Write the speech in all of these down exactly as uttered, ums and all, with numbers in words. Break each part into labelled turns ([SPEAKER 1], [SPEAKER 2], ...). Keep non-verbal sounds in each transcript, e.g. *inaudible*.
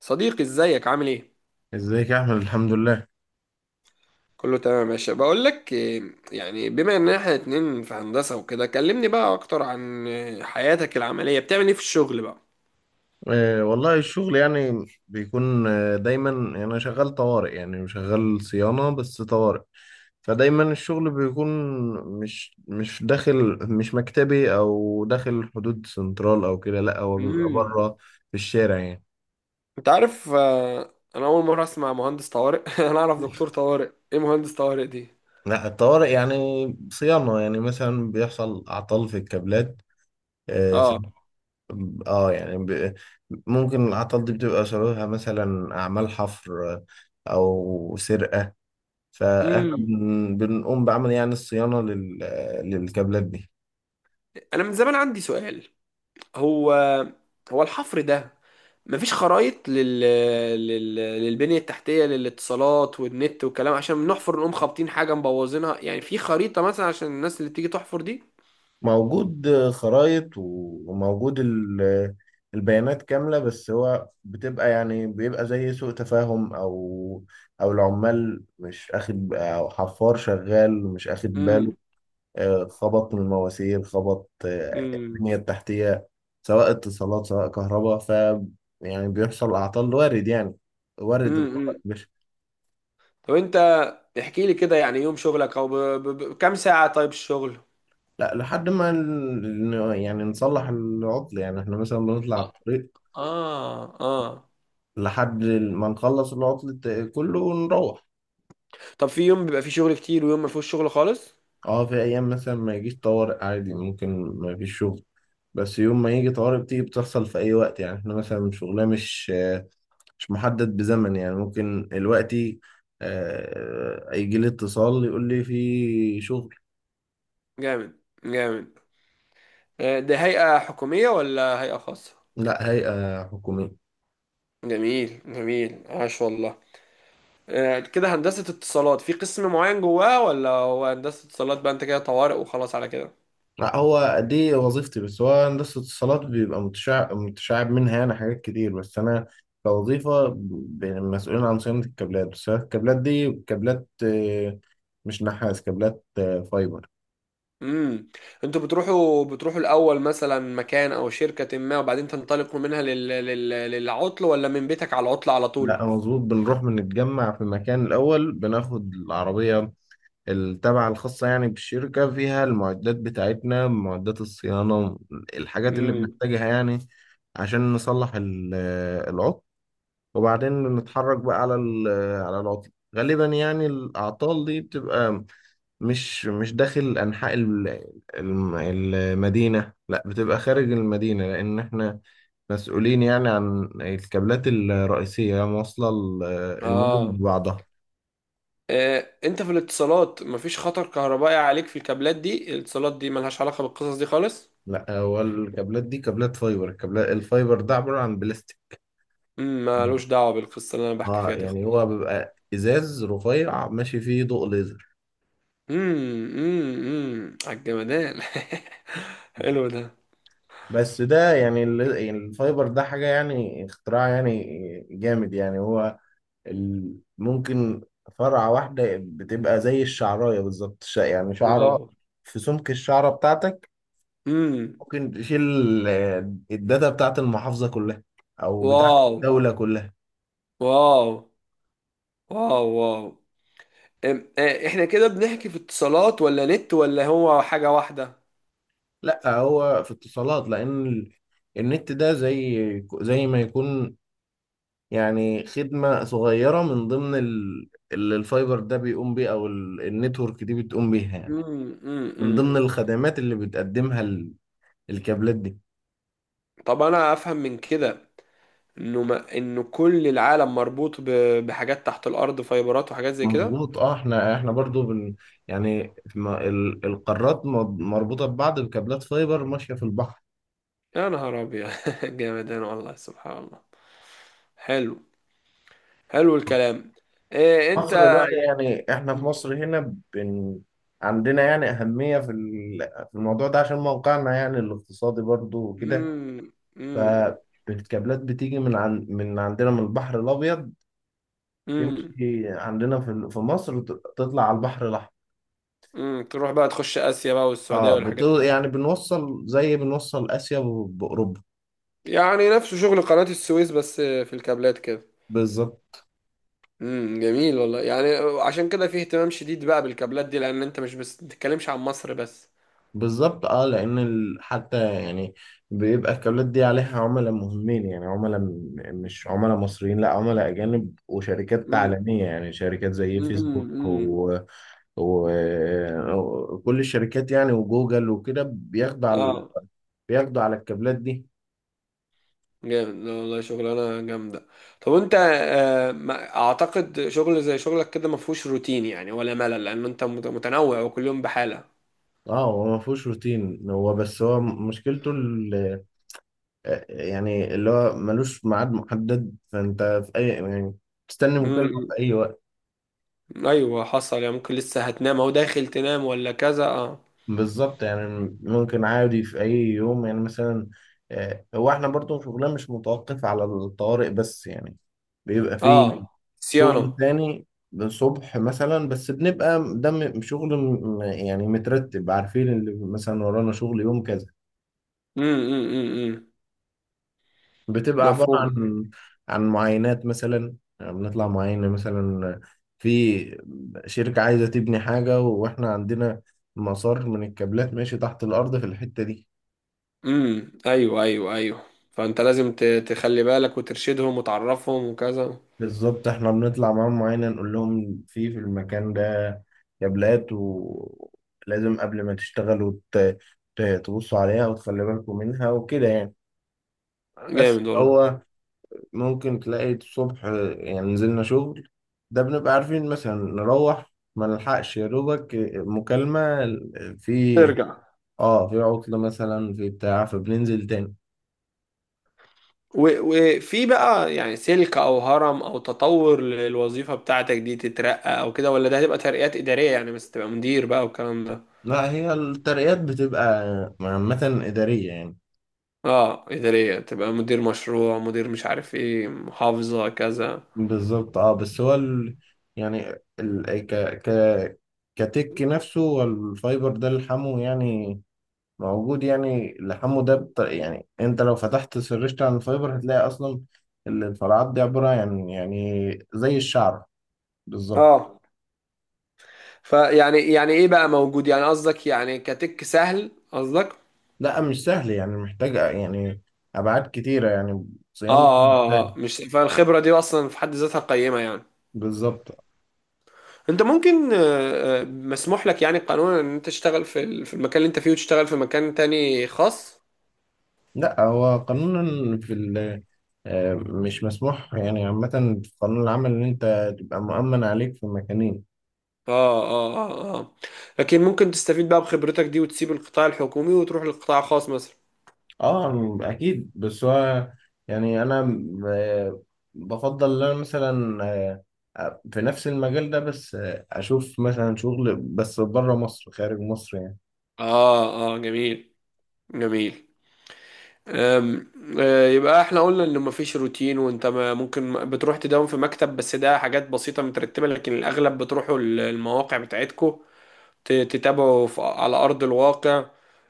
[SPEAKER 1] صديقي ازيك عامل ايه؟
[SPEAKER 2] ازيك يا احمد، الحمد لله.
[SPEAKER 1] كله تمام يا باشا. بقول لك إيه، يعني بما ان احنا اتنين في هندسة وكده، كلمني بقى اكتر عن إيه، حياتك العملية. بتعمل ايه في الشغل بقى؟
[SPEAKER 2] آه والله الشغل يعني بيكون آه دايما، يعني انا شغال طوارئ، يعني شغال صيانة بس طوارئ. فدايما الشغل بيكون مش مش داخل مش مكتبي او داخل حدود سنترال او كده، لا هو بيبقى
[SPEAKER 1] امم
[SPEAKER 2] بره في الشارع يعني.
[SPEAKER 1] انت عارف. آه، انا اول مرة اسمع مهندس طوارئ. *laughs* انا اعرف دكتور طوارئ، ايه مهندس طوارئ دي؟
[SPEAKER 2] لا الطوارئ يعني صيانة، يعني مثلا بيحصل اعطال في الكابلات. آه،
[SPEAKER 1] اه.
[SPEAKER 2] اه يعني ب... ممكن العطل دي بتبقى سببها مثلا أعمال حفر أو سرقة. فإحنا
[SPEAKER 1] امم
[SPEAKER 2] بن... بنقوم بعمل يعني الصيانة لل... للكابلات دي.
[SPEAKER 1] انا من زمان عندي سؤال. هو هو الحفر ده مفيش خرايط لل... لل... للبنية التحتية للاتصالات والنت والكلام، عشان نحفر نقوم خابطين حاجة مبوظينها، يعني في خريطة مثلا عشان الناس اللي تيجي تحفر دي؟
[SPEAKER 2] موجود خرايط و- وموجود ال... البيانات كاملة، بس هو بتبقى يعني بيبقى زي سوء تفاهم، أو أو العمال مش أخد، أو حفار شغال مش أخد باله.
[SPEAKER 1] امم
[SPEAKER 2] آه، خبط من المواسير، خبط آه،
[SPEAKER 1] امم
[SPEAKER 2] البنية التحتية، سواء اتصالات سواء كهرباء. ف يعني بيحصل أعطال، وارد يعني، وارد الخطأ
[SPEAKER 1] امم
[SPEAKER 2] يا باشا.
[SPEAKER 1] طب انت احكي لي كده، يعني يوم شغلك، او ب... ب... ب... كام ساعة طيب الشغل؟
[SPEAKER 2] لا لحد ما ال- يعني نصلح العطل، يعني احنا مثلا بنطلع
[SPEAKER 1] اه.
[SPEAKER 2] الطريق
[SPEAKER 1] اه آه.
[SPEAKER 2] لحد ما نخلص العطل الت- كله ونروح.
[SPEAKER 1] طب في يوم بيبقى فيه شغل كتير ويوم ما فيهوش شغل خالص؟
[SPEAKER 2] اه في أيام مثلا ما يجيش طوارئ عادي، ممكن ما فيش شغل. بس يوم ما يجي طوارئ بتيجي، بتحصل في أي وقت، يعني احنا مثلا شغلنا مش مش محدد بزمن، يعني ممكن دلوقتي آه، يجي لي اتصال يقول لي في شغل.
[SPEAKER 1] جامد جامد. آه، ده هيئة حكومية ولا هيئة خاصة؟
[SPEAKER 2] لا هيئة حكومية.
[SPEAKER 1] جميل جميل، عاش والله. آه، كده هندسة اتصالات في قسم معين جواه، ولا هو هندسة اتصالات بقى انت كده طوارئ وخلاص على كده؟
[SPEAKER 2] لا هو دي وظيفتي، بس هو هندسة اتصالات بيبقى متشعب متشعب منها يعني حاجات كتير، بس أنا كوظيفة ب- مسؤولين عن صيانة الكابلات. بس الكابلات دي كابلات آه، مش نحاس، كابلات آه، فايبر.
[SPEAKER 1] امم انتوا بتروحوا بتروحوا الاول مثلا مكان او شركة ما، وبعدين تنطلقوا منها لل... لل... للعطل، ولا من بيتك على العطل على
[SPEAKER 2] لا
[SPEAKER 1] طول؟
[SPEAKER 2] مظبوط، بنروح بنتجمع في مكان الأول، بناخد العربية التابعة الخاصة يعني بالشركة، فيها المعدات بتاعتنا، معدات الصيانة، الحاجات اللي
[SPEAKER 1] امم
[SPEAKER 2] بنحتاجها يعني عشان نصلح ال- العطل. وبعدين نتحرك بقى على ال- على العطل. غالبا يعني الأعطال دي بتبقى مش مش داخل أنحاء ال- الم- المدينة، لا بتبقى خارج المدينة، لأن احنا مسؤولين يعني عن الكابلات الرئيسية، موصلة ال- المدن
[SPEAKER 1] اه.
[SPEAKER 2] ببعضها.
[SPEAKER 1] آه، انت في الاتصالات مفيش خطر كهربائي عليك في الكابلات دي؟ الاتصالات دي ملهاش علاقة بالقصص دي خالص؟
[SPEAKER 2] لا هو الكابلات دي كابلات فايبر، الكابلات الفايبر ده عبارة عن بلاستيك.
[SPEAKER 1] امم مالوش دعوة بالقصة اللي انا بحكي
[SPEAKER 2] اه
[SPEAKER 1] فيها دي
[SPEAKER 2] يعني
[SPEAKER 1] خالص.
[SPEAKER 2] هو بيبقى ازاز رفيع ماشي فيه ضوء ليزر.
[SPEAKER 1] امم امم امم على الجمدان. *laughs* حلو ده.
[SPEAKER 2] بس ده يعني ال- يعني الفايبر ده حاجة يعني اختراع يعني جامد، يعني هو ال- ممكن فرعة واحدة بتبقى زي الشعراية بالظبط، ش- يعني
[SPEAKER 1] واو.
[SPEAKER 2] شعرة في سمك الشعرة بتاعتك،
[SPEAKER 1] امم
[SPEAKER 2] ممكن تشيل آه، الداتا بتاعت المحافظة كلها أو بتاعت
[SPEAKER 1] واو
[SPEAKER 2] الدولة كلها.
[SPEAKER 1] واو واو واو. أم- آه، احنا كده بنحكي في اتصالات ولا نت، ولا هو حاجة واحدة؟
[SPEAKER 2] لا هو في اتصالات، لان ال- النت ده زي زي ما يكون يعني خدمة صغيرة من ضمن ال- اللي الفايبر ده بيقوم بيه، او ال- النتورك دي بتقوم بيها يعني،
[SPEAKER 1] امم
[SPEAKER 2] من
[SPEAKER 1] امم
[SPEAKER 2] ضمن الخدمات اللي بتقدمها ال- الكابلات دي.
[SPEAKER 1] طب انا افهم من كده انه، ما انه كل العالم مربوط ب... بحاجات تحت الارض، فايبرات وحاجات زي كده؟
[SPEAKER 2] مظبوط، اه احنا احنا برضو بن يعني ما- ال- القارات م- مربوطة ببعض بكابلات فايبر ماشية في البحر.
[SPEAKER 1] يا نهار ابيض. *laughs* جامد، انا والله سبحان الله. حلو. حلو الكلام. إيه انت.
[SPEAKER 2] مصر بقى، يعني احنا في مصر هنا بن... عندنا يعني أهمية في ال- في الموضوع ده عشان موقعنا يعني الاقتصادي برضو وكده.
[SPEAKER 1] امم امم
[SPEAKER 2] فالكابلات بتيجي من عن... من عندنا من البحر الأبيض،
[SPEAKER 1] امم
[SPEAKER 2] تمشي عندنا في ال- في مصر، ت- تطلع على البحر الأحمر.
[SPEAKER 1] تروح بقى تخش اسيا بقى والسعودية
[SPEAKER 2] اه بت...
[SPEAKER 1] والحاجات.
[SPEAKER 2] يعني بنوصل زي بنوصل آسيا ب- بأوروبا.
[SPEAKER 1] يعني نفسه شغل قناة السويس، بس في الكابلات كده.
[SPEAKER 2] بالظبط
[SPEAKER 1] امم جميل والله. يعني عشان كده فيه اهتمام شديد بقى بالكابلات دي، لان انت مش بس بتتكلمش عن مصر بس.
[SPEAKER 2] بالظبط اه، لان ال- حتى يعني بيبقى الكابلات دي عليها عملاء مهمين، يعني عملاء م- مش عملاء مصريين، لا عملاء اجانب وشركات
[SPEAKER 1] امم
[SPEAKER 2] عالميه، يعني شركات زي فيسبوك
[SPEAKER 1] امم
[SPEAKER 2] و... و- وكل الشركات يعني، وجوجل وكده بياخدوا على
[SPEAKER 1] اه.
[SPEAKER 2] بياخدوا على الكابلات دي.
[SPEAKER 1] جامد، لا والله شغلانة جامدة. طب انت آه، ما اعتقد شغل زي شغلك كده ما فيهوش روتين يعني ولا ملل، لان انت مت- متنوع وكل يوم بحالة.
[SPEAKER 2] اه هو ما فيهوش روتين، هو بس هو مشكلته ال- يعني اللي هو ملوش ميعاد محدد، فانت في اي يعني تستني مكالمه في
[SPEAKER 1] امم
[SPEAKER 2] اي وقت.
[SPEAKER 1] ايوه، حصل يعني ممكن لسه هتنام او داخل تنام ولا كذا، اه.
[SPEAKER 2] بالظبط، يعني ممكن عادي في اي يوم يعني مثلا آه، هو احنا برضو شغلنا مش متوقف على الطوارئ بس يعني، بيبقى فيه
[SPEAKER 1] اه
[SPEAKER 2] شغل
[SPEAKER 1] صيانة.
[SPEAKER 2] تاني الصبح مثلا. بس بنبقى دم شغل م- يعني مترتب، عارفين اللي مثلا ورانا شغل يوم كذا.
[SPEAKER 1] امم امم امم
[SPEAKER 2] بتبقى عبارة
[SPEAKER 1] مفهوم.
[SPEAKER 2] عن عن معاينات مثلا، يعني بنطلع معاينة مثلا في شركة عايزة تبني حاجة واحنا عندنا مسار من الكابلات ماشي تحت الأرض في الحتة دي.
[SPEAKER 1] امم ايوه ايوه ايوه، فانت لازم ت- تخلي بالك وترشدهم وتعرفهم وكذا.
[SPEAKER 2] بالظبط، احنا بنطلع معاهم، معانا نقول لهم في في المكان ده كابلات، ولازم قبل ما تشتغلوا ت- ت- تبصوا عليها وتخلي بالكم منها وكده يعني. بس
[SPEAKER 1] جامد والله.
[SPEAKER 2] هو ممكن تلاقي الصبح يعني نزلنا شغل، ده بنبقى عارفين مثلا نروح، ما نلحقش يا دوبك مكالمة في
[SPEAKER 1] ترجع.
[SPEAKER 2] اه في عطلة مثلا في بتاع فبننزل تاني.
[SPEAKER 1] و- وفي بقى يعني سلك او هرم او تطور للوظيفة بتاعتك دي، تترقى او كده، ولا ده هتبقى ترقيات إدارية يعني، بس تبقى مدير بقى والكلام ده؟
[SPEAKER 2] لا هي الترقيات بتبقى عامة إدارية يعني.
[SPEAKER 1] اه إدارية، تبقى مدير مشروع، مدير مش عارف ايه محافظة كذا.
[SPEAKER 2] بالظبط اه، بس هو ال... يعني ال... ك... ك... كتك نفسه والفايبر ده لحمه يعني موجود، يعني لحمه ده بط... يعني انت لو فتحت سرشت عن الفايبر هتلاقي اصلا ال- الفرعات دي عبارة يعني يعني زي الشعر بالظبط.
[SPEAKER 1] اه. فيعني يعني ايه بقى موجود يعني، قصدك يعني كتك سهل قصدك؟
[SPEAKER 2] لا مش سهل، يعني محتاج يعني ابعاد كتيرة يعني،
[SPEAKER 1] اه
[SPEAKER 2] صيانته مش
[SPEAKER 1] اه
[SPEAKER 2] سهل.
[SPEAKER 1] اه، مش فالخبرة دي اصلا في حد ذاتها قيمة يعني.
[SPEAKER 2] بالظبط.
[SPEAKER 1] انت ممكن آه، آه، مسموح لك يعني قانونا ان انت تشتغل في ال- في المكان اللي انت فيه، وتشتغل في مكان تاني خاص؟
[SPEAKER 2] لا هو قانونا في ال آه، مش مسموح يعني عامة في قانون العمل إن أنت تبقى مؤمن عليك في مكانين.
[SPEAKER 1] اه اه اه اه. لكن ممكن تستفيد بقى بخبرتك دي وتسيب القطاع الحكومي وتروح للقطاع الخاص مثلا.
[SPEAKER 2] أه أكيد بس هو يعني أنا آه، بفضل إن أنا مثلا آه، آه، في نفس المجال ده، بس آه، أشوف مثلا شغل بس بره مصر، خارج مصر يعني.
[SPEAKER 1] اه اه، جميل. جميل. أم، آه، يبقى احنا قلنا ان مفيش روتين، وانت ما ممكن بتروح تداوم في مكتب بس ده حاجات بسيطة مترتبة، لكن الاغلب بتروحوا المواقع بتاعتكو ت- تتابعه في- على أرض الواقع.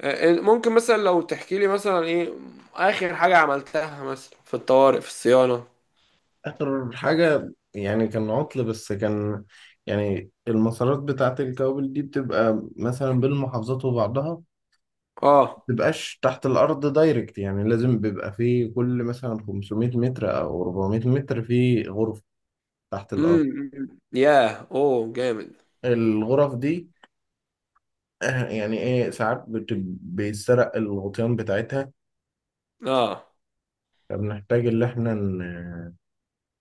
[SPEAKER 1] آه، ممكن مثلا لو تحكي لي مثلا ايه آخر حاجة عملتها مثلا في الطوارئ في الصيانة؟
[SPEAKER 2] آخر حاجة يعني كان عطل، بس كان يعني المسارات بتاعة الكوابل دي بتبقى مثلا بين المحافظات وبعضها،
[SPEAKER 1] اه.
[SPEAKER 2] تبقاش تحت الأرض دايركت يعني، لازم بيبقى في كل مثلا خمسمئة متر أو أربعمية متر في غرفة تحت الأرض.
[SPEAKER 1] امم ياه، اوه جامد.
[SPEAKER 2] الغرف دي آه، يعني إيه ساعات بت- بيتسرق الغطيان بتاعتها،
[SPEAKER 1] اه.
[SPEAKER 2] فبنحتاج إن إحنا ن-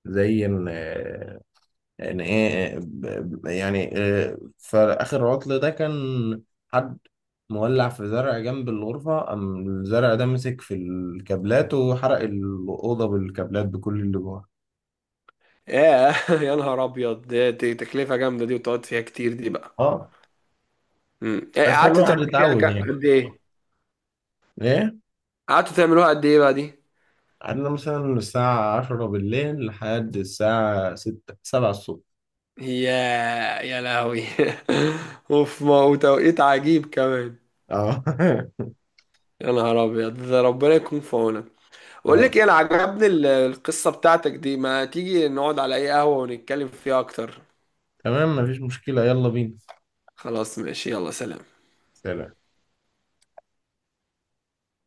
[SPEAKER 2] زي إن آه، إن إيه ب- يعني آه، فآخر عطل ده كان حد مولع في زرع جنب الغرفة، قام الزرع ده مسك في الكابلات وحرق الأوضة بالكابلات بكل اللي جواها.
[SPEAKER 1] ياه. *laughs* يا نهار ابيض. ده- دي تكلفة جامدة دي، وتقعد فيها كتير دي بقى.
[SPEAKER 2] اه،
[SPEAKER 1] امم إيه،
[SPEAKER 2] بس خلي
[SPEAKER 1] قعدتوا
[SPEAKER 2] الواحد
[SPEAKER 1] تعملوا فيها ك-
[SPEAKER 2] يتعود يعني.
[SPEAKER 1] قد ايه؟
[SPEAKER 2] ايه
[SPEAKER 1] قعدتوا تعملوها قد ايه بقى دي؟
[SPEAKER 2] قعدنا مثلا من الساعة عشرة بالليل لحد الساعة ستة سبعة الصبح.
[SPEAKER 1] يا. يا لهوي. *laughs* اوف، ما وتوقيت عجيب كمان.
[SPEAKER 2] اه *laughs*
[SPEAKER 1] يا نهار ابيض، ده ربنا يكون في عونك. بقول
[SPEAKER 2] اه.
[SPEAKER 1] لك ايه، انا عجبني ال- القصة بتاعتك دي، ما تيجي نقعد على اي قهوة ونتكلم فيها اكتر.
[SPEAKER 2] تمام مفيش مشكلة، يلا بينا.
[SPEAKER 1] خلاص ماشي، يلا سلام.
[SPEAKER 2] سلام.